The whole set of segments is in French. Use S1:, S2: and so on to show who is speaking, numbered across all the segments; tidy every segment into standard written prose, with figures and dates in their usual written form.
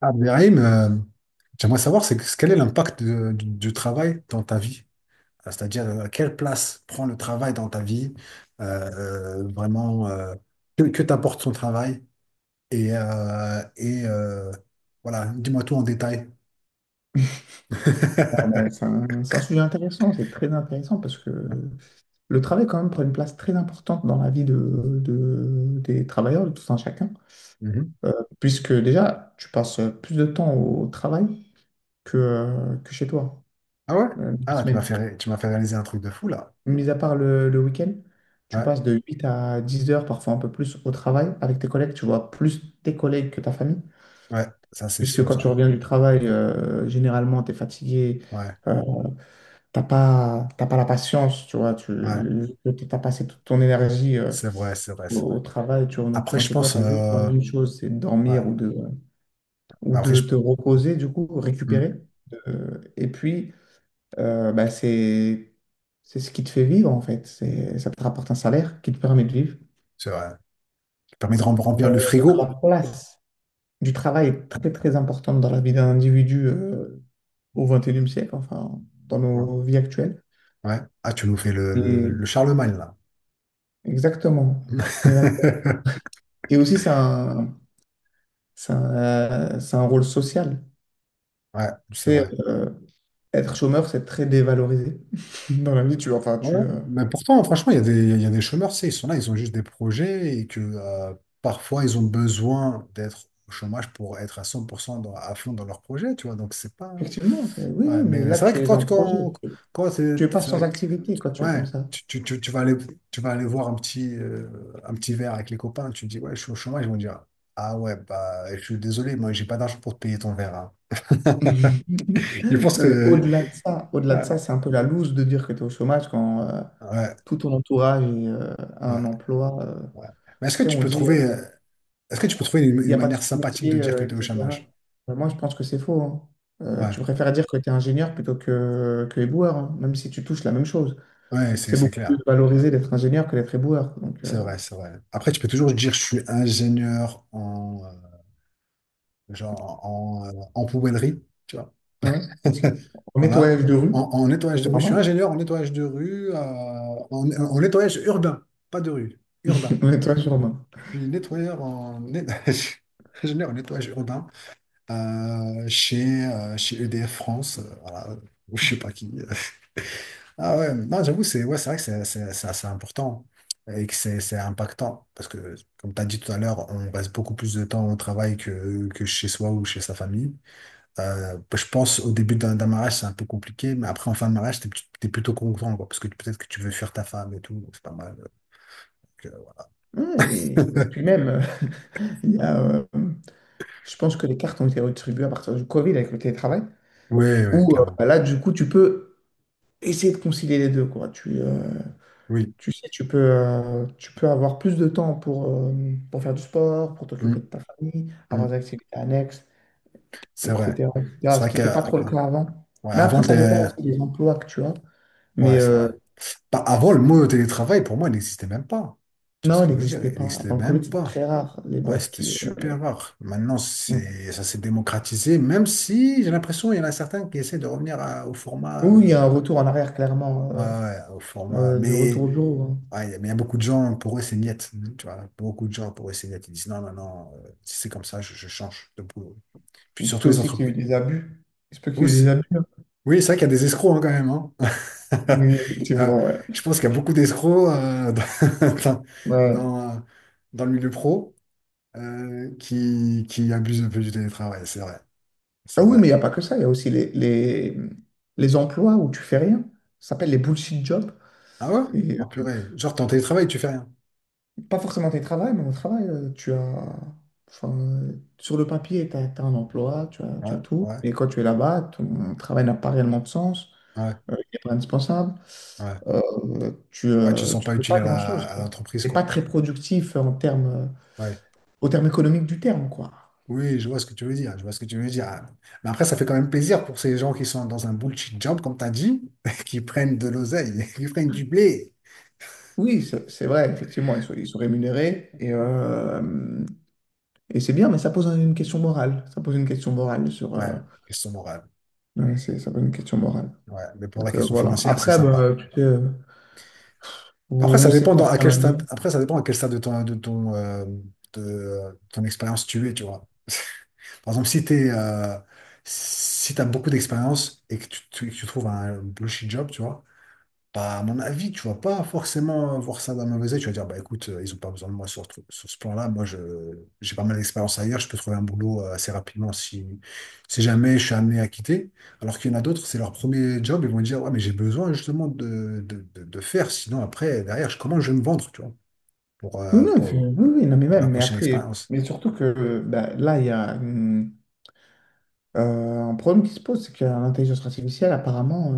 S1: Abderrahim, j'aimerais savoir quel est l'impact du travail dans ta vie? C'est-à-dire, quelle place prend le travail dans ta vie? Euh, vraiment, que t'apporte son travail? Et, euh, et euh, voilà, dis-moi tout en détail.
S2: Ah ben, c'est un sujet intéressant, c'est très intéressant parce que le travail quand même prend une place très importante dans la vie des travailleurs, de tout un chacun.
S1: Mhm.
S2: Euh, Puisque déjà, tu passes plus de temps au travail que chez toi,
S1: Ah ouais?
S2: dans la
S1: Ah là,
S2: semaine.
S1: tu m'as fait réaliser un truc de fou là.
S2: Mis à part le week-end, tu
S1: Ouais,
S2: passes de 8 à 10 heures, parfois un peu plus, au travail avec tes collègues, tu vois plus tes collègues que ta famille,
S1: ouais, ça c'est
S2: puisque
S1: sûr
S2: quand tu
S1: ça.
S2: reviens du travail, généralement, tu es fatigué.
S1: Ouais,
S2: euh, T'as pas, t'as pas la patience, tu vois, tu
S1: ouais,
S2: as passé toute ton énergie au,
S1: c'est vrai.
S2: au travail, tu
S1: Après,
S2: rentres
S1: je
S2: chez toi,
S1: pense,
S2: tu as juste envie d'une chose, c'est de
S1: ouais.
S2: dormir ou de, ou
S1: Mais après,
S2: de
S1: je-
S2: te reposer, du coup,
S1: hmm,
S2: récupérer. Et puis, bah, c'est ce qui te fait vivre, en fait. Ça te rapporte un salaire qui te permet de vivre.
S1: c'est vrai. Ça permet de
S2: Euh,
S1: remplir le
S2: donc la
S1: frigo.
S2: place du travail est très, très importante dans la vie d'un individu au 21e siècle, enfin, dans
S1: Ouais.
S2: nos vies actuelles.
S1: Ouais. Ah, tu nous fais
S2: Et
S1: le Charlemagne, là.
S2: Exactement. Exactement. Et aussi, c'est un, c'est un rôle social.
S1: Ouais,
S2: Tu
S1: c'est
S2: sais,
S1: vrai.
S2: être chômeur, c'est très dévalorisé. Dans la vie, enfin,
S1: Ouais. Mais pourtant, franchement, il y a des chômeurs, c'est, ils sont là, ils ont juste des projets et que parfois, ils ont besoin d'être au chômage pour être à 100% à fond dans leur projet, tu vois. Donc, c'est pas.
S2: effectivement, oui, oui,
S1: Ouais, mais
S2: mais
S1: mais
S2: là,
S1: c'est vrai
S2: tu
S1: que
S2: es en
S1: quand,
S2: projet.
S1: quand, quand
S2: Tu es pas sans activité quand tu es comme
S1: ouais,
S2: ça.
S1: tu vas aller voir un un petit verre avec les copains, tu dis, ouais, je suis au chômage, ils vont dire, ah ouais, bah, je suis désolé, moi, j'ai pas d'argent pour te payer ton verre, hein. Je pense
S2: Non, mais
S1: que.
S2: au-delà de
S1: Ouais,
S2: ça, c'est un peu la loose de dire que tu es au chômage quand
S1: ouais,
S2: tout ton entourage a
S1: ouais,
S2: un emploi.
S1: ouais. Mais
S2: Tu sais, on dit,
S1: est-ce que tu peux trouver
S2: il n'y
S1: une
S2: a pas de
S1: manière sympathique de
S2: sous-métier,
S1: dire que tu es au
S2: etc.
S1: chômage?
S2: Moi, je pense que c'est faux, hein.
S1: Ouais,
S2: Tu préfères dire que tu es ingénieur plutôt que éboueur, hein, même si tu touches la même chose.
S1: ouais, c'est
S2: C'est
S1: c'est
S2: beaucoup plus
S1: clair.
S2: valorisé d'être ingénieur que d'être éboueur. Donc,
S1: C'est vrai, c'est vrai. Après, tu peux toujours dire je suis ingénieur genre, en poubellerie, tu vois.
S2: ouais, aussi. En
S1: Voilà.
S2: nettoyage de
S1: En,
S2: rue,
S1: en nettoyage de
S2: c'est pas
S1: rue. Je suis
S2: mal.
S1: ingénieur en nettoyage de rue, en, en nettoyage urbain, pas de rue, urbain.
S2: En nettoyage urbain.
S1: Je suis nettoyeur ingénieur en nettoyage urbain, chez EDF France, voilà, ou je sais pas qui. Ah ouais, non, j'avoue, c'est ouais, c'est vrai que c'est assez important et que c'est impactant parce que, comme tu as dit tout à l'heure, on reste beaucoup plus de temps au travail que chez soi ou chez sa famille. Je pense au début d'un mariage, c'est un peu compliqué, mais après, en fin de mariage, t'es plutôt content, quoi, parce que peut-être que tu veux fuir ta femme et tout, donc c'est pas mal. Donc,
S2: Ouais, et,
S1: euh,
S2: et puis même, il y a, euh, je pense que les cartes ont été redistribuées à partir du Covid avec le télétravail,
S1: Oui, oui,
S2: où
S1: clairement.
S2: bah là, du coup, tu peux essayer de concilier les deux, quoi.
S1: Oui,
S2: Tu sais, tu peux avoir plus de temps pour faire du sport, pour t'occuper de
S1: Mm,
S2: ta famille, avoir
S1: mm.
S2: des activités annexes,
S1: C'est vrai.
S2: etc. etc.
S1: C'est
S2: ce
S1: vrai
S2: qui
S1: que,
S2: n'était pas trop le cas avant.
S1: ouais,
S2: Mais
S1: avant,
S2: après, ça dépend
S1: t'es...
S2: aussi des emplois que tu as. Mais
S1: Ouais, c'est vrai. Bah, avant, le mot télétravail, pour moi, il n'existait même pas. Tu vois ce
S2: non, il
S1: que je veux dire?
S2: n'existait
S1: Il
S2: pas.
S1: n'existait
S2: Avant le Covid,
S1: même
S2: c'est
S1: pas.
S2: très rare, les
S1: Ouais,
S2: boîtes
S1: c'était
S2: qui...
S1: super rare. Maintenant, c'est, ça s'est démocratisé, même si j'ai l'impression qu'il y en a certains qui essaient de revenir au format.
S2: Oui, il y a un retour en arrière, clairement,
S1: Ouais, ouais, au format.
S2: de retour
S1: Mais
S2: au bureau, hein.
S1: ouais, il y a mais il y a beaucoup de gens, pour eux, c'est niet. Tu vois, beaucoup de gens, pour eux, c'est niet. Ils disent non, non, non, si c'est comme ça, je change de boulot. Puis
S2: Il se
S1: surtout
S2: peut
S1: les
S2: aussi qu'il y ait eu
S1: entreprises
S2: des abus. Il se peut qu'il y ait eu des
S1: aussi.
S2: abus, hein.
S1: Oui, c'est vrai qu'il y a des escrocs hein, quand même, hein.
S2: Oui,
S1: Il
S2: effectivement, ouais.
S1: Je pense qu'il y a beaucoup d'escrocs dans,
S2: Ouais.
S1: dans, dans le milieu pro qui abusent un peu du télétravail, c'est vrai.
S2: Ah
S1: C'est
S2: oui, mais il n'y
S1: vrai.
S2: a pas que ça, il y a aussi les emplois où tu fais rien. Ça s'appelle les bullshit jobs.
S1: Ah ouais?
S2: Et
S1: Oh purée. Genre, t'es en télétravail, tu fais rien.
S2: pas forcément tes travails, mais au travail, tu as. Enfin, sur le papier, tu as un emploi, tu as, tu
S1: Ouais,
S2: as tout.
S1: ouais,
S2: Mais quand tu es là-bas, ton travail n'a pas réellement de sens.
S1: ouais,
S2: Il n'est pas indispensable.
S1: ouais.
S2: Tu
S1: Ouais, tu te
S2: ne
S1: sens
S2: tu
S1: pas
S2: fais pas
S1: utile
S2: grand-chose,
S1: à
S2: quoi.
S1: l'entreprise,
S2: Tu n'es pas
S1: quoi. Tu-
S2: très productif en termes,
S1: Ouais.
S2: au terme économique du terme, quoi.
S1: Oui, je vois ce que tu veux dire. Je vois ce que tu veux dire. Ah. Mais après, ça fait quand même plaisir pour ces gens qui sont dans un bullshit job, comme t'as dit, qui prennent de l'oseille, qui prennent du blé.
S2: Oui, c'est vrai, effectivement, ils sont rémunérés. Et c'est bien, mais ça pose une question morale. Ça pose une question morale sur...
S1: Ouais. Question morale.
S2: ouais, ça pose une question morale.
S1: Ouais, mais pour la
S2: Donc
S1: question
S2: voilà.
S1: financière, c'est
S2: Après,
S1: sympa.
S2: bah, tu sais,
S1: Après,
S2: on ne
S1: ça
S2: sait
S1: dépend
S2: pas ce
S1: à
S2: qu'on
S1: quel
S2: a dit.
S1: stade, après, ça dépend à quel stade ton expérience tu es, tu vois. Par exemple, si t'as beaucoup d'expérience et que tu trouves un bullshit job, tu vois, bah, à mon avis, tu vas pas forcément voir ça d'un mauvais œil. Tu vas dire, bah écoute, ils ont pas besoin de moi sur ce plan-là. Moi, je, j'ai pas mal d'expérience ailleurs. Je peux trouver un boulot assez rapidement si, si jamais je suis amené à quitter. Alors qu'il y en a d'autres, c'est leur premier job. Ils vont dire, ouais, mais j'ai besoin justement de faire. Sinon, après, derrière, comment je vais me vendre, tu vois, pour,
S2: Oui,
S1: euh,
S2: non,
S1: pour,
S2: oui, oui, non, mais
S1: pour la
S2: même, mais
S1: prochaine
S2: après,
S1: expérience.
S2: mais surtout que bah, là, il y a un problème qui se pose, c'est que l'intelligence artificielle, apparemment,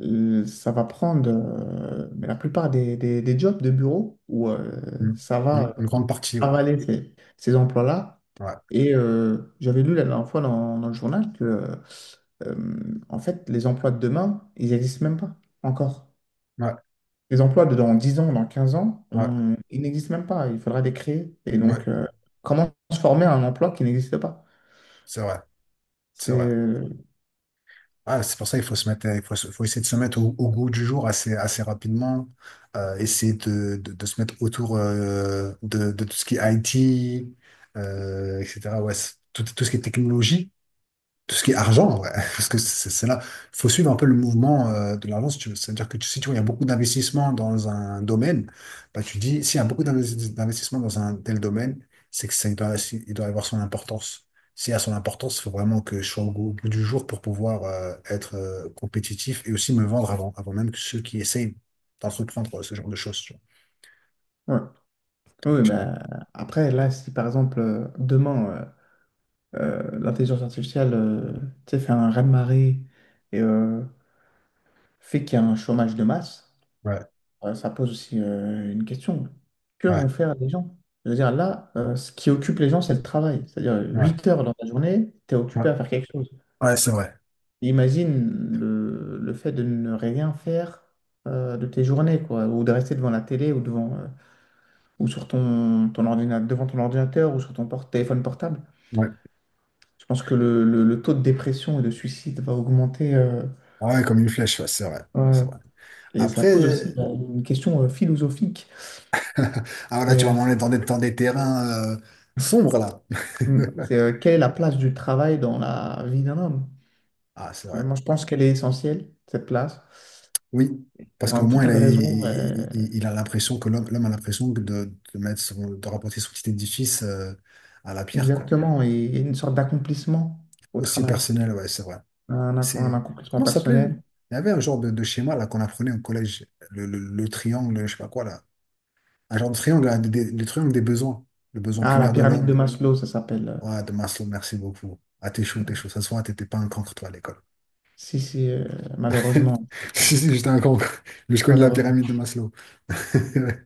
S2: euh, ça va prendre mais la plupart des jobs de bureau où
S1: Mm.
S2: ça va
S1: Une grande partie, ouais.
S2: avaler ces emplois-là.
S1: Ouais,
S2: Et j'avais lu la dernière fois dans le journal que en fait, les emplois de demain, ils n'existent même pas encore.
S1: ouais,
S2: Les emplois de dans 10 ans, dans 15 ans,
S1: ouais,
S2: ils n'existent même pas. Il faudra les créer. Et
S1: ouais.
S2: donc, comment se former à un emploi qui n'existe pas?
S1: C'est vrai,
S2: C'est,
S1: c'est vrai.
S2: euh,
S1: Ah, c'est pour ça qu'il faut se mettre, faut essayer de se mettre au goût du jour assez rapidement. Essayer de se mettre autour de tout ce qui est IT, etc. Ouais, tout ce qui est technologie. Tout ce qui est argent, ouais, parce que c'est là. Il faut suivre un peu le mouvement de l'argent, si tu veux. C'est-à-dire que si tu vois, il y a beaucoup d'investissements dans un domaine, bah, tu dis, s'il y a beaucoup d'investissements dans un tel domaine, c'est que ça, il doit, si- il doit avoir son importance. S'il y a son importance, il faut vraiment que je sois au goût, au bout du jour pour pouvoir être compétitif et aussi me vendre avant, avant même que ceux qui essayent d'entreprendre ce genre de choses, tu
S2: ouais. Oui, mais après, là, si par exemple, demain, euh, l'intelligence artificielle, tu sais, fait un raz-de-marée et fait qu'il y a un chômage de masse,
S1: vois. Ouais,
S2: ça pose aussi une question. Que
S1: ouais,
S2: vont faire les gens? C'est-à-dire là, ce qui occupe les gens, c'est le travail. C'est-à-dire
S1: ouais,
S2: 8 heures dans la journée, tu es
S1: ouais.
S2: occupé à faire quelque chose.
S1: Ouais, c'est vrai.
S2: Imagine le fait de ne rien faire de tes journées, quoi, ou de rester devant la télé ou devant ou sur ton ordinateur, devant ton ordinateur ou sur ton téléphone portable.
S1: Ouais,
S2: Je pense que le taux de dépression et de suicide va augmenter.
S1: ouais, comme une flèche, ouais, c'est vrai. C'est
S2: Ouais.
S1: vrai.
S2: Et ça
S1: Après.
S2: pose aussi une question philosophique.
S1: Ah là, tu vas m'emmener dans des terrains sombres là.
S2: Mm. C'est Quelle est la place du travail dans la vie d'un homme?
S1: Ah, c'est vrai.
S2: Moi, je pense qu'elle est essentielle, cette place,
S1: Oui, parce
S2: pour
S1: qu'au
S2: tout
S1: moins, il
S2: tas
S1: a,
S2: de
S1: il,
S2: raisons.
S1: il a l'impression que l'homme a l'impression de mettre son, de rapporter son petit édifice à la pierre, quoi.
S2: Exactement, et une sorte d'accomplissement au
S1: Aussi
S2: travail,
S1: personnel, ouais, c'est vrai.
S2: un
S1: C'est,
S2: accomplissement
S1: comment ça s'appelait? Lui
S2: personnel.
S1: il y avait un genre de schéma là qu'on apprenait au collège, le triangle, je sais pas quoi là. Un genre de triangle, là, le triangle des besoins, le besoin
S2: Ah, la
S1: primaire de
S2: pyramide
S1: l'homme.
S2: de Maslow, ça s'appelle.
S1: Ouais, de Maslow, merci beaucoup. Ah, t'es chaud,
S2: euh,
S1: t'es chaud. Ça se voit, t'étais pas un cancre, toi, à l'école.
S2: Si, si, malheureusement,
S1: Si, si, j'étais un con. Mais je connais la
S2: malheureusement.
S1: pyramide de Maslow. Ouais.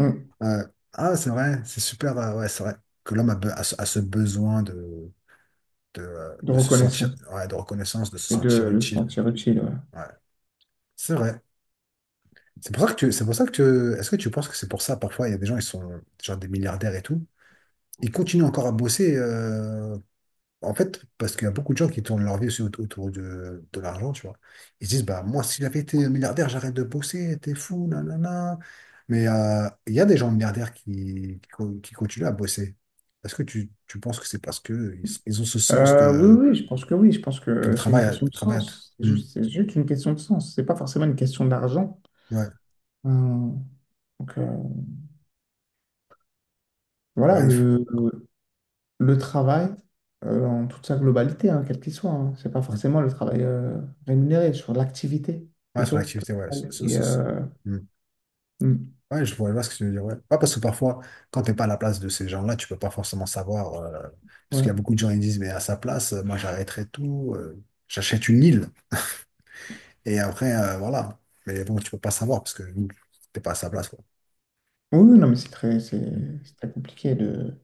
S2: Mm.
S1: Euh, ah, c'est vrai, c'est super. Ouais, c'est vrai que l'homme a ce besoin
S2: De
S1: de se sentir,
S2: reconnaissance
S1: ouais, de reconnaissance, de se
S2: et de
S1: sentir
S2: le
S1: utile.
S2: sentir utile, ouais.
S1: Ouais, c'est vrai. C'est pour ça que tu, c'est pour ça que est-ce que tu penses que c'est pour ça, parfois, il y a des gens, ils sont genre des milliardaires et tout, ils continuent encore à bosser, en fait, parce qu'il y a beaucoup de gens qui tournent leur vie aussi autour de l'argent, tu vois. Ils se disent, bah, moi, si j'avais été milliardaire, j'arrête de bosser, t'es fou, nanana. Mais il y a des gens milliardaires qui continuent à bosser. Est-ce que tu penses que c'est parce que ils ont ce sens de,
S2: Oui, oui, je pense que oui. Je pense
S1: que
S2: que c'est une question
S1: le
S2: de
S1: travail,
S2: sens. C'est
S1: hmm,
S2: juste, c'est juste une question de sens. C'est pas forcément une question d'argent.
S1: ouais,
S2: Euh, donc voilà,
S1: ouais,
S2: le travail en toute sa globalité, hein, quel qu'il soit, hein, c'est pas
S1: hmm,
S2: forcément le travail rémunéré, sur l'activité
S1: ouais, sur
S2: plutôt que.
S1: l'activité, ouais,
S2: Et, euh,
S1: hmm.
S2: mm,
S1: Ouais, je vois ce que tu veux dire. Ouais. Ouais, parce que parfois, quand tu n'es pas à la place de ces gens-là, tu peux pas forcément savoir, parce qu'il y a
S2: ouais.
S1: beaucoup de gens qui disent, mais à sa place, moi j'arrêterais tout, j'achète une île. Et après, voilà. Mais bon, tu peux pas savoir parce que tu n'es pas à sa place, quoi.
S2: Oui, oui, non, mais c'est très,
S1: Mm.
S2: c'est c'est très compliqué de.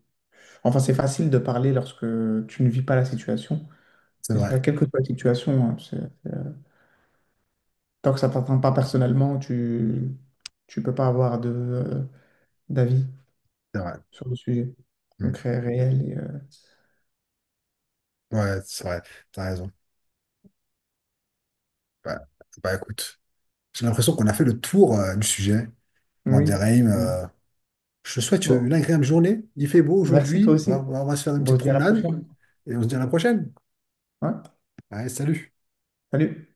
S2: Enfin, c'est facile de parler lorsque tu ne vis pas la situation.
S1: C'est
S2: Et ça,
S1: vrai,
S2: quelle que soit la situation, hein, tu Tant que ça t'atteint pas personnellement, tu peux pas avoir de d'avis
S1: c'est vrai.
S2: sur le sujet
S1: Mm.
S2: concret, réel.
S1: Ouais, c'est vrai, tu as raison. Ouais. Bah écoute, j'ai l'impression qu'on a fait le tour du sujet.
S2: Oui,
S1: Mandarim,
S2: effectivement.
S1: je te souhaite
S2: Bon,
S1: une agréable journée. Il fait beau
S2: merci toi
S1: aujourd'hui.
S2: aussi.
S1: On va se faire une
S2: Bon, on
S1: petite
S2: se dit à la
S1: promenade
S2: prochaine.
S1: et on se dit à la prochaine.
S2: Ouais,
S1: Allez, salut.
S2: salut.